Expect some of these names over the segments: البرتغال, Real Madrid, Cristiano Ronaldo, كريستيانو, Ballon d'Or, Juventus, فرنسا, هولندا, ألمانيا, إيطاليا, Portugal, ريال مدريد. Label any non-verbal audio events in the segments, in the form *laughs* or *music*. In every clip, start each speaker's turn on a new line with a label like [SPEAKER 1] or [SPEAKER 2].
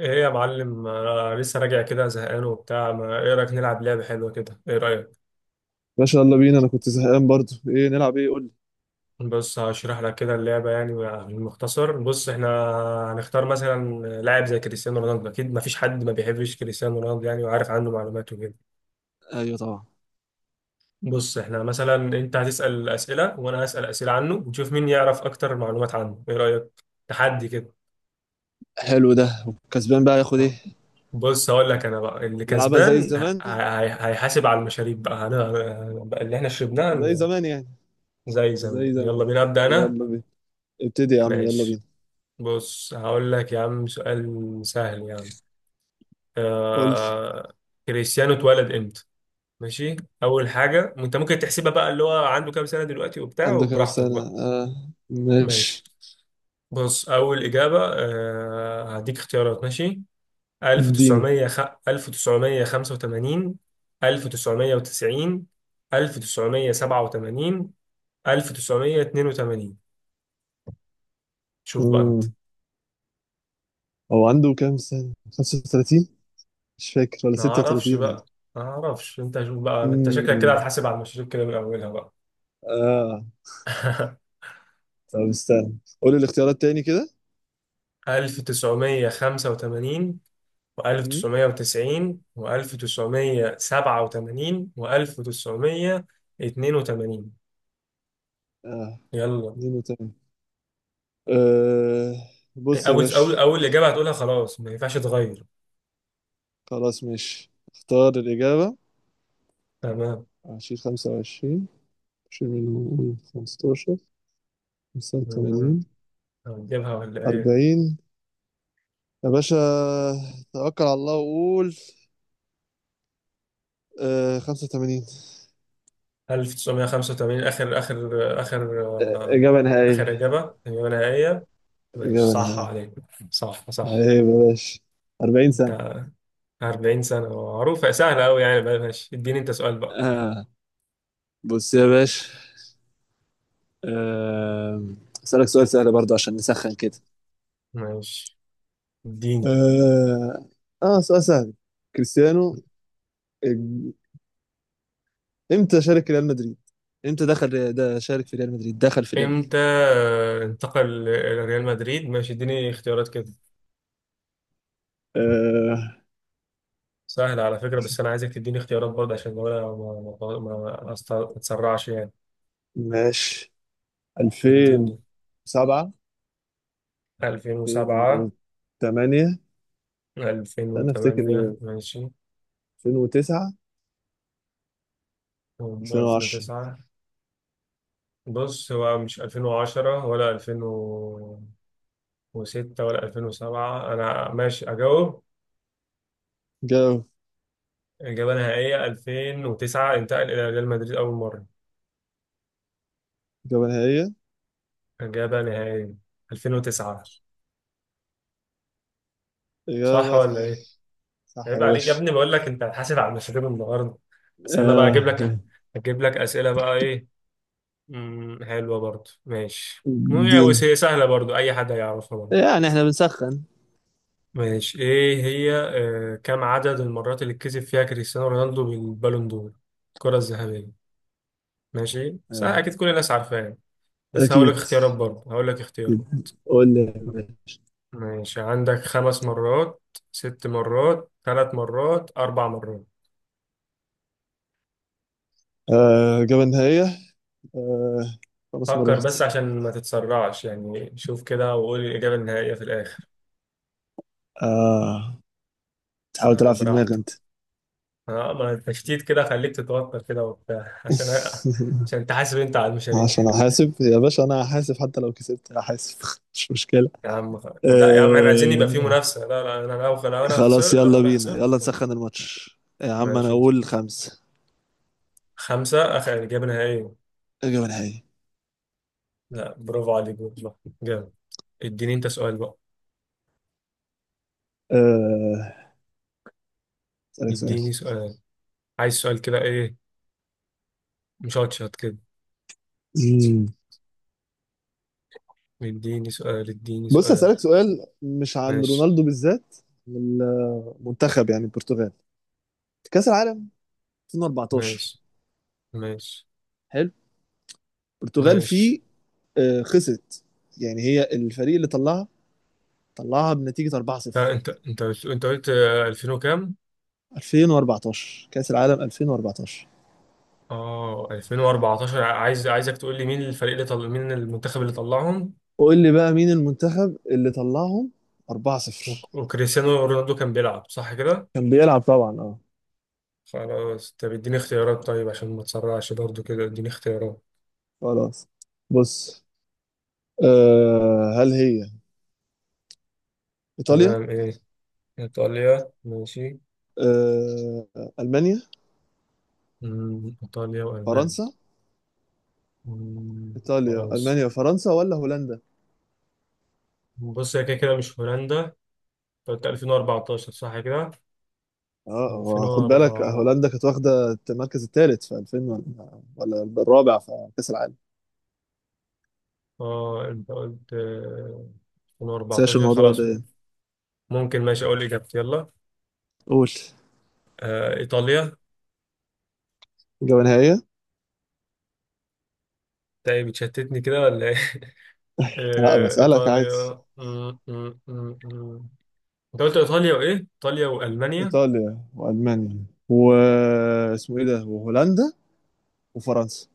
[SPEAKER 1] ايه يا معلم، انا لسه راجع كده زهقان وبتاع. ما ايه رايك نلعب لعبه حلوه كده؟ ايه رايك؟
[SPEAKER 2] باشا، يلا بينا. انا كنت زهقان برضو. ايه نلعب؟ ايه قول لي.
[SPEAKER 1] بص هشرح لك كده اللعبه، بالمختصر. بص احنا هنختار مثلا لاعب زي كريستيانو رونالدو. اكيد ما فيش حد ما بيحبش كريستيانو رونالدو، وعارف عنه معلومات وكده.
[SPEAKER 2] ايوه طبعا.
[SPEAKER 1] بص احنا مثلا انت هتسال اسئله وانا هسال اسئله عنه، ونشوف مين يعرف اكتر معلومات عنه. ايه رايك؟ تحدي كده.
[SPEAKER 2] حلو ده. كسبان بقى ياخد ايه؟
[SPEAKER 1] آه. بص هقول لك، انا بقى اللي
[SPEAKER 2] نلعبها زي
[SPEAKER 1] كسبان
[SPEAKER 2] زمان.
[SPEAKER 1] هيحاسب على المشاريب بقى، بقى اللي احنا
[SPEAKER 2] زي
[SPEAKER 1] شربناها.
[SPEAKER 2] زمان يعني.
[SPEAKER 1] زي زمان،
[SPEAKER 2] زي
[SPEAKER 1] يلا
[SPEAKER 2] زمان.
[SPEAKER 1] بينا، أبدأ أنا.
[SPEAKER 2] يلا بينا. ابتدي يا عم، يلا
[SPEAKER 1] ماشي،
[SPEAKER 2] بينا.
[SPEAKER 1] بص هقول لك يا عم سؤال سهل يا عم.
[SPEAKER 2] قول لي.
[SPEAKER 1] آه... كريستيانو اتولد امتى؟ ماشي. أول حاجة أنت ممكن تحسبها بقى، اللي هو عنده كام سنة دلوقتي وبتاع،
[SPEAKER 2] عنده كام
[SPEAKER 1] وبراحتك
[SPEAKER 2] سنة؟
[SPEAKER 1] بقى.
[SPEAKER 2] آه،
[SPEAKER 1] ماشي،
[SPEAKER 2] ماشي.
[SPEAKER 1] بص أول إجابة، هديك اختيارات، ماشي؟
[SPEAKER 2] اديني.
[SPEAKER 1] 1900 1985، 1990، 1987، 1982. شوف بقى أنت.
[SPEAKER 2] مم. هو عنده كام سنة 35؟ مش فاكر، ولا
[SPEAKER 1] ما اعرفش
[SPEAKER 2] 36 ولا
[SPEAKER 1] بقى، ما اعرفش. انت شوف بقى، انت شكلك كده
[SPEAKER 2] امم
[SPEAKER 1] هتحاسب على المشاريب كده من اولها بقى.
[SPEAKER 2] اه.
[SPEAKER 1] *laughs*
[SPEAKER 2] طب استنى قول لي الاختيارات تاني كده.
[SPEAKER 1] 1985
[SPEAKER 2] امم
[SPEAKER 1] و1990 و1987 و1982،
[SPEAKER 2] اه،
[SPEAKER 1] يلا.
[SPEAKER 2] اديني تاني. آه. بص يا
[SPEAKER 1] اول اول
[SPEAKER 2] باشا.
[SPEAKER 1] اول اجابه هتقولها خلاص، ما ينفعش تغير.
[SPEAKER 2] خلاص ماشي، اختار الإجابة.
[SPEAKER 1] تمام.
[SPEAKER 2] 20، 25، شيل منهم قول 15، خمسة
[SPEAKER 1] مم.
[SPEAKER 2] وتمانين
[SPEAKER 1] هنجيبها ولا ايه؟
[SPEAKER 2] 40. يا باشا، توكل على الله وقول. آه 85.
[SPEAKER 1] 1985 اخر.
[SPEAKER 2] إجابة
[SPEAKER 1] اخر
[SPEAKER 2] نهائية.
[SPEAKER 1] اجابه، اجابه نهائيه. ماشي،
[SPEAKER 2] إجابة
[SPEAKER 1] صح
[SPEAKER 2] نهائية.
[SPEAKER 1] عليك، صح صح.
[SPEAKER 2] عيب يا باشا. 40 سنة.
[SPEAKER 1] انت، 40 سنة معروفة سهلة أوي بقى. ماشي، اديني أنت سؤال بقى.
[SPEAKER 2] آه. بص يا باشا. آه. أسألك سؤال سهل برضه عشان نسخن كده.
[SPEAKER 1] ماشي، اديني.
[SPEAKER 2] آه. آه سؤال سهل. كريستيانو إج- إمتى شارك ريال مدريد؟ إمتى دخل ده شارك في ريال مدريد؟ دخل في ريال.
[SPEAKER 1] امتى انتقل لريال مدريد؟ ماشي، اديني اختيارات كده.
[SPEAKER 2] آه
[SPEAKER 1] سهلة على فكرة، بس أنا عايزك تديني اختيارات برضه، عشان لو أنا ما أتسرعش
[SPEAKER 2] ماشي،
[SPEAKER 1] اديني.
[SPEAKER 2] 2007،
[SPEAKER 1] 2007،
[SPEAKER 2] 2008، انا افتكر
[SPEAKER 1] 2008،
[SPEAKER 2] ايه؟
[SPEAKER 1] ماشي،
[SPEAKER 2] 2009، 2010.
[SPEAKER 1] 2009. بص، هو مش 2010 ولا 2006 ولا 2007. أنا ماشي أجاوب.
[SPEAKER 2] جاب
[SPEAKER 1] إجابة نهائية 2009، انتقل إلى ريال مدريد أول مرة.
[SPEAKER 2] إجابة نهائية.
[SPEAKER 1] إجابة نهائية 2009. صح
[SPEAKER 2] إجابة
[SPEAKER 1] ولا
[SPEAKER 2] صحيحة.
[SPEAKER 1] إيه؟
[SPEAKER 2] صح يا
[SPEAKER 1] عيب عليك يا
[SPEAKER 2] باشا.
[SPEAKER 1] ابني، بقول لك أنت هتحاسب على المشاريب النهاردة. بس أنا بقى
[SPEAKER 2] آه.
[SPEAKER 1] أجيب لك، أجيب لك أسئلة بقى. إيه؟ مم. حلوة برضه، ماشي.
[SPEAKER 2] دين،
[SPEAKER 1] بس هي سهلة برضه، أي حد هيعرفها برضه.
[SPEAKER 2] يعني احنا بنسخن.
[SPEAKER 1] ماشي، إيه هي، كم عدد المرات اللي كسب فيها كريستيانو رونالدو بالبالون دور؟ الكرة الذهبية. ماشي؟ سهل،
[SPEAKER 2] آه،
[SPEAKER 1] أكيد كل الناس عارفاها. بس هقول لك
[SPEAKER 2] أكيد.
[SPEAKER 1] اختيارات برضه، هقول لك اختيارات.
[SPEAKER 2] قول لي.
[SPEAKER 1] ماشي، عندك خمس مرات، ست مرات، ثلاث مرات، أربع مرات.
[SPEAKER 2] آه. إجابة نهائية. آه، خمس
[SPEAKER 1] فكر
[SPEAKER 2] مرات
[SPEAKER 1] بس عشان ما تتسرعش شوف كده وقول الإجابة النهائية في الآخر.
[SPEAKER 2] آه، تحاول
[SPEAKER 1] آه،
[SPEAKER 2] تلعب في دماغي
[SPEAKER 1] براحتك.
[SPEAKER 2] أنت. *laughs*
[SPEAKER 1] ما التشتيت كده، خليك تتوتر كده وبتاع *laughs* عشان عشان تحاسب أنت على المشاريع.
[SPEAKER 2] عشان أحاسب يا باشا، أنا هحاسب. حتى لو كسبت هحاسب، *laughs* مش مشكلة.
[SPEAKER 1] يا عم، لا يا عم، احنا عايزين يبقى في
[SPEAKER 2] آه،
[SPEAKER 1] منافسة. لا لا، أنا لو أنا
[SPEAKER 2] خلاص.
[SPEAKER 1] خسرت، لو
[SPEAKER 2] يلا
[SPEAKER 1] أنا
[SPEAKER 2] بينا،
[SPEAKER 1] خسرت.
[SPEAKER 2] يلا نسخن الماتش يا عم. انا
[SPEAKER 1] ماشي،
[SPEAKER 2] اقول خمسة.
[SPEAKER 1] خمسة، آخر إجابة نهائية.
[SPEAKER 2] اجابة نهائية.
[SPEAKER 1] لا، برافو عليك والله، جامد. اديني أنت سؤال بقى.
[SPEAKER 2] آه، اسألك سؤال.
[SPEAKER 1] اديني سؤال، عايز سؤال كده، إيه، مشطشط كده.
[SPEAKER 2] مم.
[SPEAKER 1] اديني سؤال، اديني
[SPEAKER 2] بص
[SPEAKER 1] سؤال.
[SPEAKER 2] اسألك سؤال مش عن
[SPEAKER 1] ماشي،
[SPEAKER 2] رونالدو بالذات. من المنتخب، يعني البرتغال، كأس العالم 2014.
[SPEAKER 1] ماشي، ماشي،
[SPEAKER 2] حلو. البرتغال
[SPEAKER 1] ماشي.
[SPEAKER 2] فيه آه، خسرت. يعني هي الفريق اللي طلعها، طلعها بنتيجة 4-0.
[SPEAKER 1] لا، انت قلت 2000 وكام؟
[SPEAKER 2] 2014، كأس العالم 2014.
[SPEAKER 1] اه، 2014. عايز، عايزك تقول لي مين الفريق اللي مين المنتخب اللي طلعهم.
[SPEAKER 2] قول لي بقى مين المنتخب اللي طلعهم 4-0؟
[SPEAKER 1] وكريستيانو رونالدو كان بيلعب صح كده؟
[SPEAKER 2] كان بيلعب طبعا، اه.
[SPEAKER 1] خلاص، طب اديني اختيارات طيب، عشان ما تسرعش برضو كده، اديني اختيارات.
[SPEAKER 2] خلاص. بص، أه هل هي إيطاليا؟
[SPEAKER 1] تمام، ايه، ايطاليا، ماشي.
[SPEAKER 2] أه، ألمانيا،
[SPEAKER 1] مم، ايطاليا والمانيا.
[SPEAKER 2] فرنسا.
[SPEAKER 1] مم،
[SPEAKER 2] إيطاليا،
[SPEAKER 1] فرنسا.
[SPEAKER 2] ألمانيا، فرنسا، ولا هولندا؟
[SPEAKER 1] بص، هي كده كده مش هولندا. انت قلت 2014 صح كده؟
[SPEAKER 2] اه، هو خد بالك،
[SPEAKER 1] 2004.
[SPEAKER 2] هولندا كانت واخدة المركز الثالث في 2000 ولا الرابع في كأس العالم.
[SPEAKER 1] اه، انت قلت
[SPEAKER 2] نساش
[SPEAKER 1] 2014،
[SPEAKER 2] الموضوع
[SPEAKER 1] خلاص.
[SPEAKER 2] ده.
[SPEAKER 1] ممكن، ماشي، اقول اجابتي يلا.
[SPEAKER 2] قول.
[SPEAKER 1] ايطاليا.
[SPEAKER 2] إجابة نهائية.
[SPEAKER 1] تاني بتشتتني كده ولا ايه؟ *laughs*
[SPEAKER 2] لا، بسألك عادي.
[SPEAKER 1] ايطاليا. م- م- م- م. انت قلت ايطاليا وايه؟ ايطاليا والمانيا.
[SPEAKER 2] إيطاليا وألمانيا واسمه إيه ده وهولندا وفرنسا.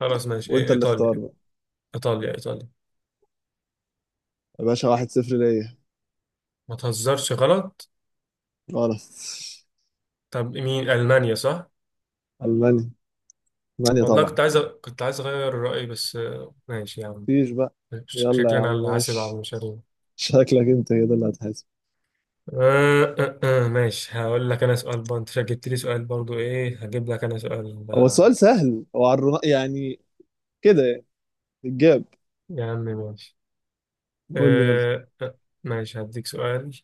[SPEAKER 1] خلاص، ماشي، إيه،
[SPEAKER 2] وأنت اللي اختار
[SPEAKER 1] ايطاليا.
[SPEAKER 2] بقى.
[SPEAKER 1] ايطاليا، ايطاليا.
[SPEAKER 2] يا باشا، 1-0 ليا.
[SPEAKER 1] ما تهزرش، غلط؟
[SPEAKER 2] غلط.
[SPEAKER 1] طب مين، المانيا صح؟
[SPEAKER 2] ألمانيا، ألمانيا
[SPEAKER 1] والله
[SPEAKER 2] طبعا.
[SPEAKER 1] كنت عايز كنت عايز اغير رايي، بس ماشي يا عم.
[SPEAKER 2] مفيش بقى. يلا يا
[SPEAKER 1] شكلنا
[SPEAKER 2] عم
[SPEAKER 1] اللي حاسب على
[SPEAKER 2] ماشي.
[SPEAKER 1] المشاريع.
[SPEAKER 2] *laughs* شكلك انت كده اللي هتحاسب.
[SPEAKER 1] ماشي، هقول لك انا سؤال برضه، انت جبت لي سؤال برضه، ايه، هجيب لك انا سؤال.
[SPEAKER 2] هو السؤال سهل، هو على يعني كده، يعني الجاب.
[SPEAKER 1] يا عم ماشي.
[SPEAKER 2] قول لي، يلا.
[SPEAKER 1] آه آه ماشي، هديك سؤال.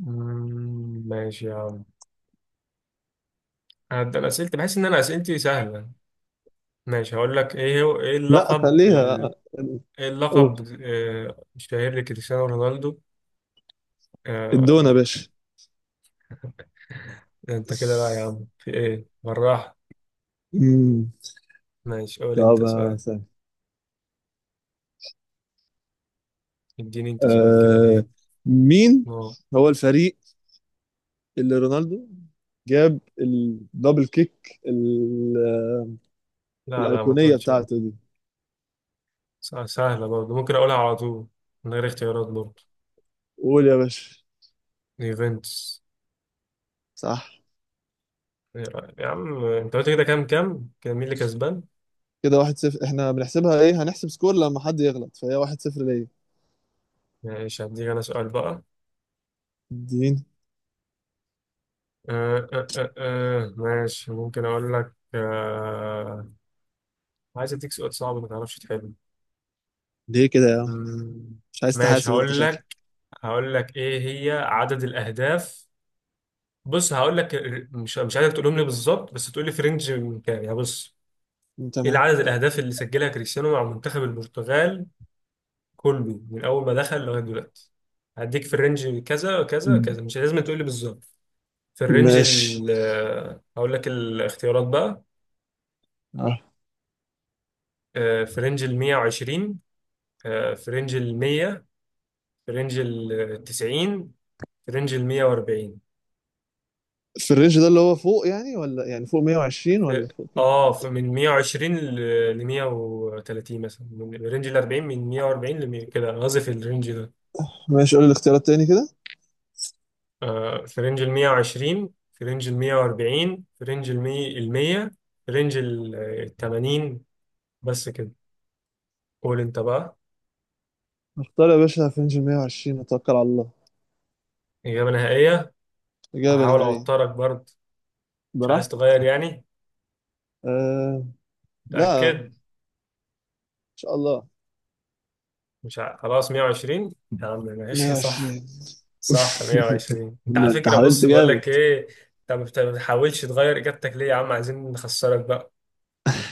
[SPEAKER 1] مم، ماشي يا عم. هبدأ اسئلتي، بحس ان انا اسئلتي سهلة. ماشي، هقول لك ايه هو، ايه
[SPEAKER 2] لا خليها.
[SPEAKER 1] ايه
[SPEAKER 2] قول.
[SPEAKER 1] اللقب الشهير لكريستيانو رونالدو؟
[SPEAKER 2] الدونة
[SPEAKER 1] آه.
[SPEAKER 2] يا باشا.
[SPEAKER 1] انت كده بقى يا عم، في ايه، بالراحة.
[SPEAKER 2] مم.
[SPEAKER 1] ماشي، قول
[SPEAKER 2] طب
[SPEAKER 1] انت
[SPEAKER 2] يا
[SPEAKER 1] سؤال.
[SPEAKER 2] سهل.
[SPEAKER 1] اديني انت سؤال كده،
[SPEAKER 2] آه،
[SPEAKER 1] ايه؟
[SPEAKER 2] مين
[SPEAKER 1] اه،
[SPEAKER 2] هو الفريق اللي رونالدو جاب الدبل كيك
[SPEAKER 1] لا لا، ما
[SPEAKER 2] الأيقونية
[SPEAKER 1] تقولش.
[SPEAKER 2] بتاعته دي؟
[SPEAKER 1] سهلة برضه، ممكن أقولها على طول من غير اختيارات برضه.
[SPEAKER 2] قول يا باشا.
[SPEAKER 1] يوفنتوس.
[SPEAKER 2] صح.
[SPEAKER 1] إيه رأيك؟ يا عم أنت قلت كده، كام كام؟ كان مين اللي كسبان؟
[SPEAKER 2] كده 1-0. احنا بنحسبها ايه؟ هنحسب سكور لما حد يغلط، فهي 1-0 ليا.
[SPEAKER 1] ماشي، هديك أنا سؤال بقى.
[SPEAKER 2] اديني.
[SPEAKER 1] ماشي، ممكن أقول لك آه. عايز أديك سؤال صعب ما تعرفش تحله.
[SPEAKER 2] ليه كده يا عم؟
[SPEAKER 1] مم.
[SPEAKER 2] مش عايز
[SPEAKER 1] ماشي،
[SPEAKER 2] تحاسب انت،
[SPEAKER 1] هقول
[SPEAKER 2] شكلك.
[SPEAKER 1] لك، هقول لك إيه هي عدد الأهداف. بص هقول لك مش، عايزك تقولهم لي بالظبط، بس تقول لي في رينج من كام، يعني بص، إيه
[SPEAKER 2] تمام.
[SPEAKER 1] عدد الأهداف اللي سجلها كريستيانو مع منتخب البرتغال كله، من اول ما دخل لغايه دلوقتي؟ هديك في الرينج، كذا كذا كذا، مش لازم تقول لي بالظبط، في الرينج
[SPEAKER 2] ماشي.
[SPEAKER 1] ال، هقول لك الاختيارات بقى.
[SPEAKER 2] آه.
[SPEAKER 1] في رينج ال 120، في رينج ال 100، في رينج ال 90، في رينج ال 140.
[SPEAKER 2] في الرينج ده اللي هو فوق يعني، ولا يعني فوق 120
[SPEAKER 1] في،
[SPEAKER 2] ولا فوق كده؟
[SPEAKER 1] اه، في من 120 ل 130 مثلا، من رينج ال 40، من 140 ل 100، كده أنا قصدي في الرينج ده.
[SPEAKER 2] ماشي، قول لي الاختيارات تاني كده.
[SPEAKER 1] في رينج ال 120، في رينج ال 140، في رينج ال 100، ال 100، في رينج ال 80، بس كده. قول انت بقى.
[SPEAKER 2] اختار يا باشا في رينج 120، وتوكل على الله.
[SPEAKER 1] إجابة نهائية؟
[SPEAKER 2] إجابة
[SPEAKER 1] هحاول
[SPEAKER 2] نهائية.
[SPEAKER 1] أوترك برضه. مش عايز
[SPEAKER 2] براحتك.
[SPEAKER 1] تغير يعني؟
[SPEAKER 2] آه. لا، إن
[SPEAKER 1] متأكد؟
[SPEAKER 2] شاء الله.
[SPEAKER 1] مش ع... خلاص، 120. يا عم ماشي، *laughs* صح؟
[SPEAKER 2] 120.
[SPEAKER 1] صح،
[SPEAKER 2] *laughs*
[SPEAKER 1] 120. انت على
[SPEAKER 2] لا، انت
[SPEAKER 1] فكرة،
[SPEAKER 2] حاولت
[SPEAKER 1] بص بقول
[SPEAKER 2] جامد.
[SPEAKER 1] لك
[SPEAKER 2] *laughs*
[SPEAKER 1] ايه، انت ما بتحاولش تغير إجابتك ليه يا عم؟ عايزين نخسرك بقى.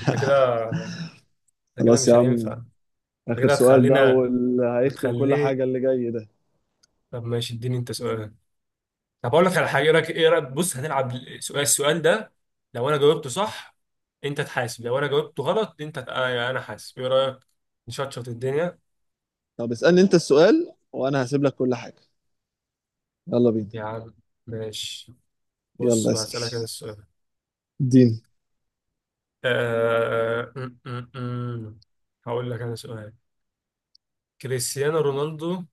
[SPEAKER 1] انت كده، انت كده
[SPEAKER 2] خلاص يا
[SPEAKER 1] مش هينفع.
[SPEAKER 2] عم.
[SPEAKER 1] انت
[SPEAKER 2] آخر
[SPEAKER 1] كده
[SPEAKER 2] سؤال ده،
[SPEAKER 1] هتخلينا،
[SPEAKER 2] واللي هيختم كل
[SPEAKER 1] هتخليني.
[SPEAKER 2] حاجة اللي جاي ده.
[SPEAKER 1] طب ماشي، اديني انت سؤال. طب اقول لك على حاجه، ايه رايك؟ ايه رايك، بص هنلعب السؤال، السؤال ده لو انا جاوبته صح، انت تحاسب، لو انا جاوبته غلط، انت يعني انا حاسب. ايه رايك، نشطشط الدنيا؟
[SPEAKER 2] طب اسألني انت السؤال، وانا هسيب لك كل حاجة. يلا بينا.
[SPEAKER 1] يا عم ماشي. بص
[SPEAKER 2] يلا
[SPEAKER 1] بقى، اسالك انا
[SPEAKER 2] اسأل.
[SPEAKER 1] السؤال.
[SPEAKER 2] دين.
[SPEAKER 1] آه... م- م- م. هقول لك انا سؤال. كريستيانو رونالدو،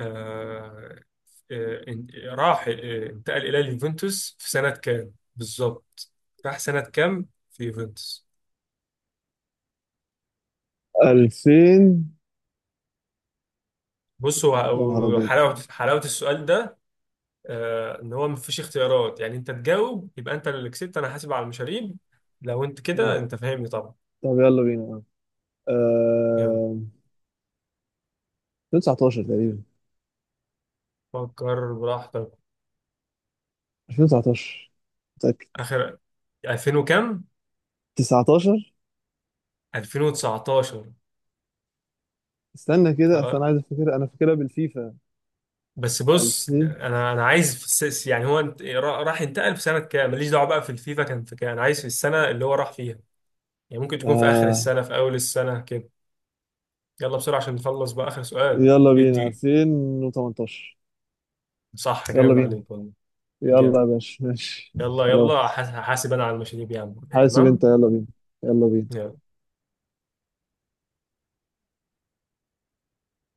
[SPEAKER 1] آه... آه... إن- راح آه، انتقل الى اليوفنتوس في سنه كام بالظبط؟ راح سنه كام في يوفنتوس؟
[SPEAKER 2] 2000.
[SPEAKER 1] بص،
[SPEAKER 2] يا نهار
[SPEAKER 1] هو
[SPEAKER 2] أبيض.
[SPEAKER 1] حلاوه، حلاوه السؤال ده، ان هو مفيش اختيارات، يعني انت تجاوب يبقى انت اللي كسبت، انا حاسب على المشاريب لو انت كده.
[SPEAKER 2] آه.
[SPEAKER 1] انت فاهمني طبعا.
[SPEAKER 2] طب يلا بينا.
[SPEAKER 1] يلا.
[SPEAKER 2] آه. 2019 تقريبا.
[SPEAKER 1] فكر براحتك.
[SPEAKER 2] 2019. متأكد.
[SPEAKER 1] اخر، 2000 وكام؟
[SPEAKER 2] 19.
[SPEAKER 1] 2019.
[SPEAKER 2] استنى كده، أصل
[SPEAKER 1] خلاص.
[SPEAKER 2] أنا عايز أفتكر، أنا فاكرها بالفيفا.
[SPEAKER 1] بس بص،
[SPEAKER 2] 2000.
[SPEAKER 1] انا عايز في السيس، يعني هو راح ينتقل في سنه كام. ماليش دعوه بقى في الفيفا كان في كام، انا عايز في السنه اللي هو راح فيها، يعني ممكن تكون في اخر
[SPEAKER 2] آه.
[SPEAKER 1] السنه، في اول السنه كده. يلا بسرعه عشان نخلص بقى، اخر سؤال.
[SPEAKER 2] يلا بينا
[SPEAKER 1] ادي.
[SPEAKER 2] 2018.
[SPEAKER 1] صح،
[SPEAKER 2] يلا
[SPEAKER 1] جامد
[SPEAKER 2] بينا.
[SPEAKER 1] عليك والله،
[SPEAKER 2] يلا
[SPEAKER 1] جامد.
[SPEAKER 2] يا باشا ماشي.
[SPEAKER 1] يلا يلا،
[SPEAKER 2] خلاص.
[SPEAKER 1] حاسب انا على المشاريب يا عم.
[SPEAKER 2] حاسب
[SPEAKER 1] تمام،
[SPEAKER 2] أنت يلا بينا. يلا بينا.
[SPEAKER 1] يلا.